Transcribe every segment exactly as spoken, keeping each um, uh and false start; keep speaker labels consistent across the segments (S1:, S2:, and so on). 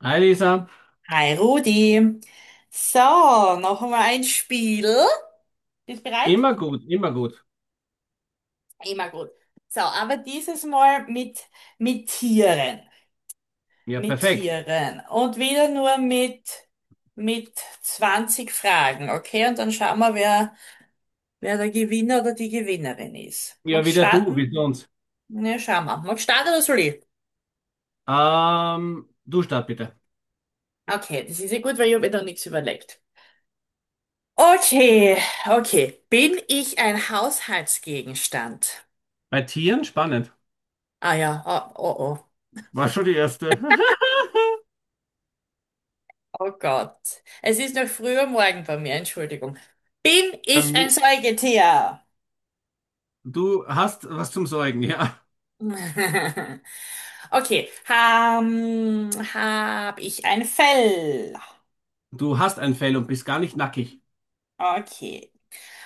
S1: Hi Lisa,
S2: Hi Rudi. So, noch einmal ein Spiel. Bist bereit?
S1: immer gut, immer gut.
S2: Immer gut. So, aber dieses Mal mit, mit Tieren.
S1: Ja,
S2: Mit
S1: perfekt.
S2: Tieren. Und wieder nur mit, mit zwanzig Fragen, okay? Und dann schauen wir, wer, wer der Gewinner oder die Gewinnerin ist.
S1: Ja,
S2: Magst du
S1: wieder du, wie
S2: starten?
S1: sonst.
S2: Ne, schauen wir. Magst du starten oder soll ich?
S1: Ähm, du start bitte.
S2: Okay, das ist ja gut, weil ich habe mir da nichts überlegt. Okay, okay. Bin ich ein Haushaltsgegenstand?
S1: Bei Tieren spannend.
S2: Ah ja, ah, oh, oh,
S1: War schon die erste.
S2: oh Gott. Es ist noch früh am Morgen bei mir, Entschuldigung. Bin
S1: Bei
S2: ich ein
S1: mir-
S2: Säugetier?
S1: Du hast was zum Sorgen, ja.
S2: Okay, ähm, hab ich ein Fell?
S1: Du hast ein Fell und bist gar nicht nackig.
S2: Okay,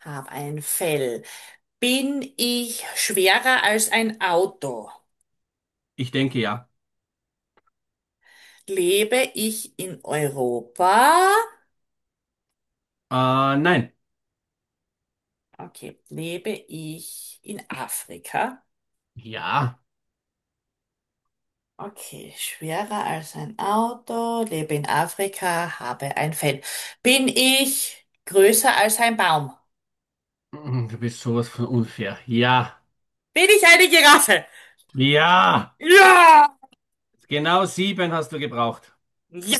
S2: hab ein Fell. Bin ich schwerer als ein Auto?
S1: Ich denke ja.
S2: Lebe ich in Europa?
S1: Äh, nein.
S2: Okay, lebe ich in Afrika?
S1: Ja.
S2: Okay, schwerer als ein Auto, lebe in Afrika, habe ein Fell. Bin ich größer als ein Baum?
S1: Mm, Du bist sowas von unfair. Ja.
S2: Bin ich eine Giraffe?
S1: Ja.
S2: Ja!
S1: Genau sieben hast du gebraucht.
S2: Ja,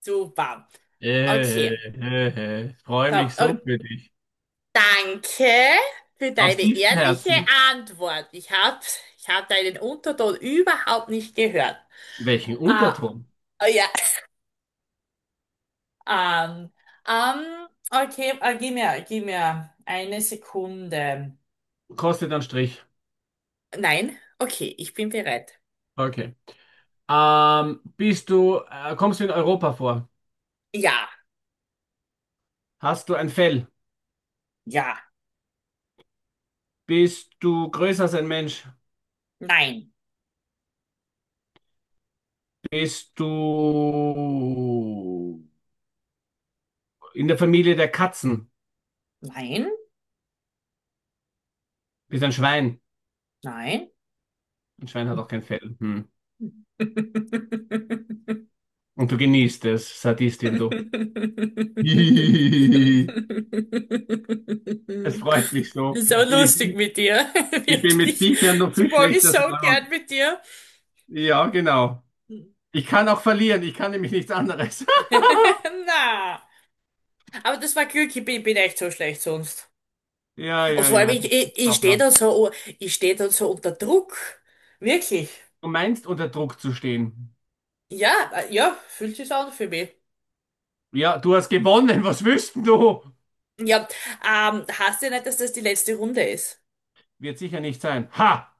S2: super.
S1: Äh,
S2: Okay,
S1: äh, äh, freue
S2: so,
S1: mich
S2: oh,
S1: so für dich.
S2: danke für
S1: Aus
S2: deine
S1: tiefstem
S2: ehrliche
S1: Herzen.
S2: Antwort. Ich hab, ich hab deinen Unterton überhaupt nicht gehört.
S1: Welchen
S2: Ah,
S1: Unterton?
S2: oh ja, ähm, ähm, okay, äh, gib mir, gib mir eine Sekunde.
S1: Kostet einen Strich.
S2: Nein, okay, ich bin bereit.
S1: Okay. Ähm, bist du, äh, kommst du in Europa vor?
S2: Ja,
S1: Hast du ein Fell?
S2: ja,
S1: Bist du größer als ein Mensch?
S2: nein,
S1: Bist du in der Familie der Katzen?
S2: nein,
S1: Bist ein Schwein?
S2: nein.
S1: Ein Schwein hat auch kein Fell. Hm. Und du genießt es, Sadistin, du. Es freut mich
S2: Das
S1: so.
S2: ist so
S1: Ich,
S2: lustig mit dir,
S1: ich bin mit
S2: wirklich.
S1: Viechern noch
S2: Das
S1: viel
S2: mag ich
S1: schlechter
S2: so gern
S1: dran.
S2: mit dir.
S1: Ja, genau. Ich kann auch verlieren. Ich kann nämlich nichts anderes.
S2: Na, aber das war Glück, ich bin, bin echt so schlecht sonst.
S1: Ja,
S2: Und
S1: ja,
S2: vor allem,
S1: ja.
S2: ich, ich, ich stehe da so, ich stehe da so unter Druck. Wirklich.
S1: Du meinst, unter Druck zu stehen.
S2: Ja, äh, ja, fühlt sich an für mich.
S1: Ja, du hast gewonnen. Was willst denn du?
S2: Ja, ähm, heißt ja nicht, dass das die letzte Runde ist.
S1: Wird sicher nicht sein. Ha!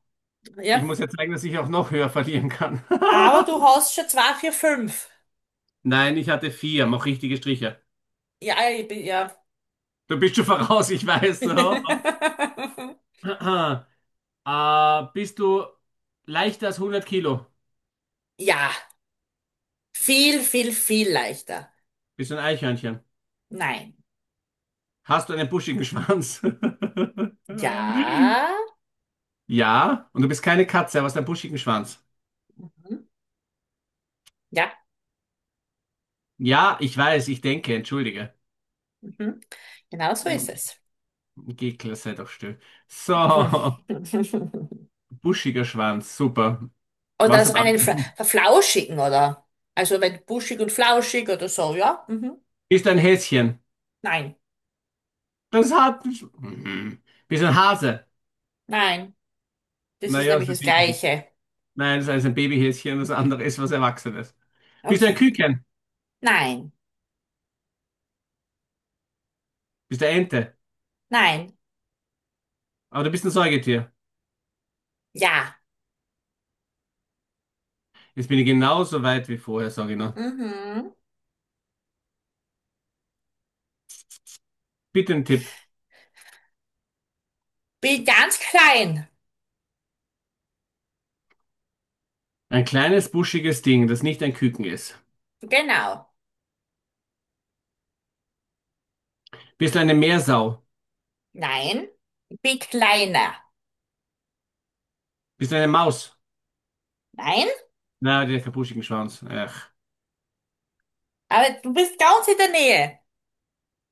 S1: Ich
S2: Ja.
S1: muss ja zeigen, dass ich auch noch höher verlieren kann.
S2: Aber du hast schon zwei, vier, fünf.
S1: Nein, ich hatte vier. Mach richtige Striche.
S2: Ja, ich bin, ja.
S1: Du bist schon voraus, ich weiß. Ne? Äh, bist du leichter als hundert Kilo?
S2: Ja. Viel, viel, viel leichter.
S1: Bist du ein Eichhörnchen?
S2: Nein.
S1: Hast du einen buschigen Schwanz?
S2: Ja.
S1: Ja, und du bist keine Katze, aber hast einen buschigen Schwanz.
S2: Mhm. Ja.
S1: Ja, ich weiß, ich denke, entschuldige.
S2: Mhm. Genau so ist es.
S1: Gekler, sei doch still. So,
S2: Mhm.
S1: buschiger Schwanz, super.
S2: Oder
S1: Was
S2: so
S1: hat
S2: einen Fla-
S1: Alten?
S2: verflauschigen, oder? Also wenn buschig und flauschig oder so, ja? Mhm.
S1: Bist ein Häschen.
S2: Nein.
S1: Das hat. Mhm. Bist ein Hase.
S2: Nein. Das ist
S1: Naja, das
S2: nämlich
S1: ist ein
S2: das
S1: Baby.
S2: Gleiche.
S1: Nein, das ist ein Babyhäschen, das andere ist was Erwachsenes. Bist du ein
S2: Okay.
S1: Küken?
S2: Nein.
S1: Bist du eine Ente?
S2: Nein.
S1: Aber du bist ein Säugetier.
S2: Ja.
S1: Jetzt bin ich genauso weit wie vorher, sage ich noch.
S2: Mhm.
S1: Bitte einen Tipp.
S2: Bin ganz klein.
S1: Ein kleines, buschiges Ding, das nicht ein Küken ist.
S2: Genau.
S1: Bist du eine Meersau?
S2: Nein, bin kleiner.
S1: Bist du eine Maus?
S2: Nein,
S1: Na, die hat keinen buschigen Schwanz. Ach.
S2: aber du bist ganz in der Nähe.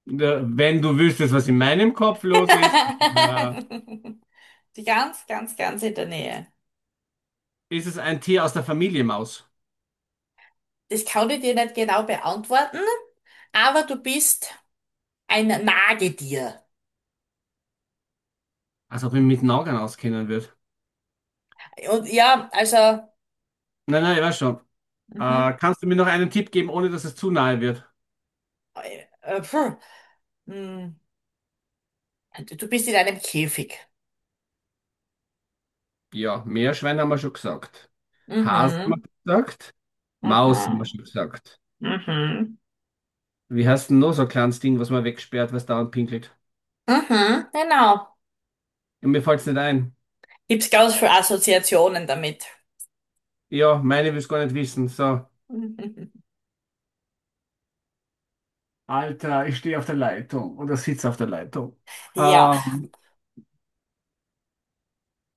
S1: Ja, wenn du wüsstest, was in meinem Kopf los ist, äh,
S2: Ganz, ganz, ganz in der Nähe.
S1: ist es ein Tier aus der Familie Maus.
S2: Das kann ich dir nicht genau beantworten, aber du bist ein Nagetier.
S1: Als ob ich mich mit Nagern auskennen würde.
S2: Und ja, also,
S1: Nein, nein, ich weiß schon.
S2: mhm,
S1: Äh, kannst du mir noch einen Tipp geben, ohne dass es zu nahe wird?
S2: äh, äh, puh, mh, du bist in einem Käfig.
S1: Ja, Meerschwein haben wir schon gesagt. Hase haben wir
S2: Mhm,
S1: schon gesagt. Maus haben wir
S2: mhm,
S1: schon gesagt.
S2: mhm,
S1: Wie heißt denn noch so ein kleines Ding, was man wegsperrt, was dauernd pinkelt?
S2: mhm, genau.
S1: Ja, mir fällt's nicht ein.
S2: Gibt's ganz viele Assoziationen damit.
S1: Ja, meine will's gar nicht wissen. So. Alter, ich stehe auf der Leitung oder sitze auf der Leitung.
S2: Ja.
S1: Ähm,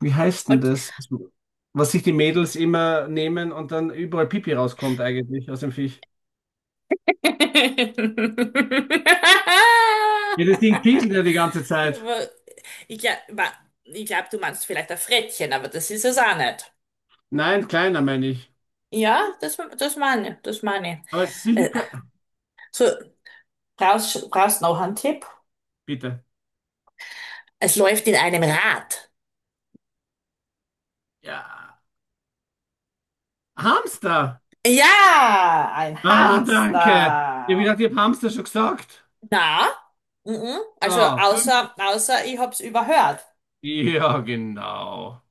S1: Wie heißt denn
S2: Okay.
S1: das, was sich die Mädels immer nehmen und dann überall Pipi rauskommt eigentlich aus dem Viech? Ja, das Ding pieselt ja die ganze Zeit.
S2: Aber Ich glaube, ich glaub, du meinst vielleicht ein Frettchen, aber das ist es auch nicht.
S1: Nein, kleiner meine ich.
S2: Ja, das, das meine ich, das meine
S1: Aber es ist
S2: ich.
S1: sicher...
S2: Äh,
S1: ke-
S2: So, brauchst, brauchst noch einen Tipp?
S1: Bitte.
S2: Es läuft in einem Rad.
S1: Ja, Hamster.
S2: Ja, ein
S1: Ah, danke. Ich habe
S2: Hamster.
S1: gedacht, ich habe Hamster schon gesagt.
S2: Na? Mhm. Also
S1: So, fünf.
S2: außer, außer ich hab's überhört.
S1: Ja, genau.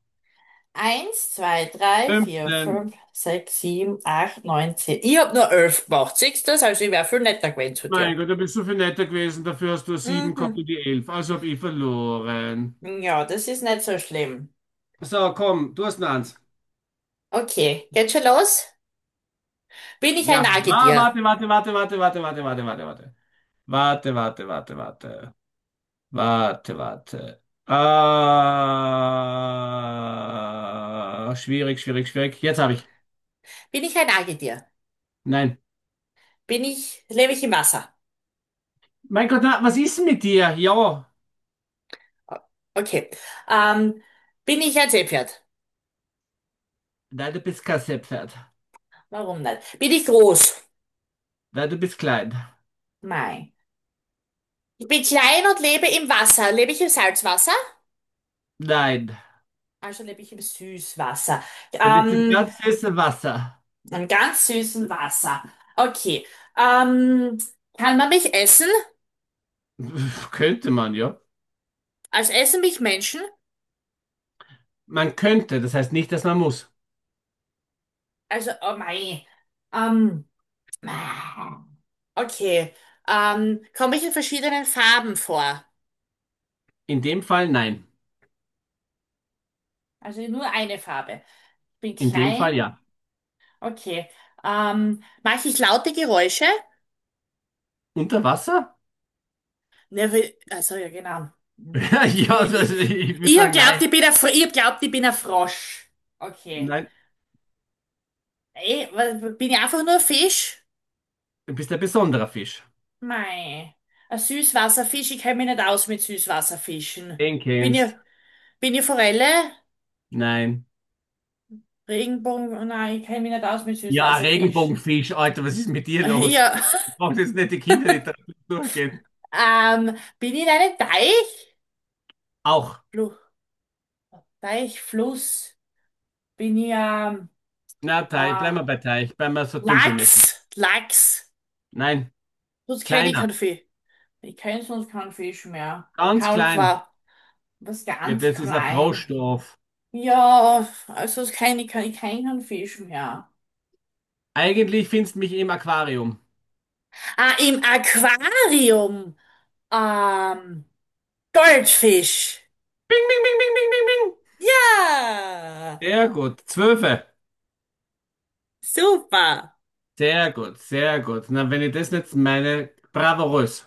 S2: Eins, zwei, drei, vier,
S1: Fünfzehn.
S2: fünf, sechs, sieben, acht, neun, zehn. Ich hab nur elf gemacht. Siehst du das? Also ich wär viel netter gewesen zu dir.
S1: Mein Gott, du bist so viel netter gewesen. Dafür hast du sieben, 7 gehabt
S2: Mhm.
S1: und die elf. Also habe ich verloren.
S2: Ja, das ist nicht so schlimm.
S1: So, komm, du hast noch eins.
S2: Okay, geht schon los? Bin ich ein
S1: Ja, ma,
S2: Nagetier?
S1: warte, warte, warte, warte, warte, warte, warte, warte, warte. Warte, warte, warte, warte. Warte, warte. Ah, schwierig, schwierig, schwierig. Jetzt habe ich.
S2: Bin ich ein Nagetier?
S1: Nein.
S2: Bin ich, lebe ich im Wasser?
S1: Mein Gott, na, was ist denn mit dir? Ja.
S2: O- Okay. Ähm, bin ich ein Seepferd?
S1: Nein, du bist kein Seepferd.
S2: Warum nicht? Bin ich groß?
S1: Nein, du bist klein.
S2: Nein. Ich bin klein und lebe im Wasser. Lebe ich im Salzwasser?
S1: Nein.
S2: Also lebe ich im Süßwasser.
S1: Du lebst im
S2: Ähm,
S1: ganz süßen Wasser.
S2: Einen ganz süßen Wasser. Okay. Ähm, kann man mich essen?
S1: Könnte man, ja.
S2: Also essen mich Menschen?
S1: Man könnte, das heißt nicht, dass man muss.
S2: Also, oh mein. Ähm, ah, okay. Ähm, komme ich in verschiedenen Farben vor?
S1: In dem Fall nein.
S2: Also nur eine Farbe. Ich bin
S1: In dem Fall
S2: klein.
S1: ja.
S2: Okay. Ähm, mache ich laute Geräusche?
S1: Unter Wasser?
S2: Ne, wie- also ja, genau. Ich,
S1: Ja, das,
S2: ich,
S1: ich würde
S2: ich hab
S1: sagen,
S2: glaubt,
S1: nein.
S2: ich bin ein, Fr- ich hab glaubt, ich bin ein Frosch. Okay.
S1: Nein,
S2: Ey, wa- bin ich einfach nur ein Fisch?
S1: du bist ein besonderer Fisch.
S2: Mei, ein Süßwasserfisch, ich kenne mich nicht aus mit Süßwasserfischen.
S1: Den
S2: Bin ich,
S1: kennst.
S2: bin ich Forelle?
S1: Nein.
S2: Regenbogen? Nein, ich kenne mich nicht aus mit
S1: Ja,
S2: Süßwasserfisch.
S1: Regenbogenfisch, Alter, was ist mit dir los?
S2: Ja,
S1: Ich brauche jetzt nicht die Kinder, die Kinderliteratur durchgehen.
S2: ähm, bin ich in einem Teich?
S1: Auch.
S2: Flu Teich, Fluss? Bin ich, ähm,
S1: Na, Teich,
S2: äh,
S1: bleiben wir bei Teich, bleiben wir so dümpelmäßig.
S2: Lachs? Lachs?
S1: Nein,
S2: Sonst kenne ich
S1: kleiner,
S2: keinen Fisch. Ich kenne sonst keinen Fisch mehr.
S1: ganz klein.
S2: Kaulquap, was
S1: Ja,
S2: ganz
S1: das ist ein
S2: klein.
S1: Froschdorf.
S2: Ja, also sonst kenne ich, kein- ich kenn keinen Fisch mehr.
S1: Eigentlich findest du mich im Aquarium.
S2: Ah, im Aquarium. Ähm, Goldfisch.
S1: Bing, bing, bing, bing, bing, bing, bing.
S2: Ja,
S1: Sehr gut, Zwölfe.
S2: super.
S1: Sehr gut, sehr gut. Na, wenn ich das jetzt meine, bravourös.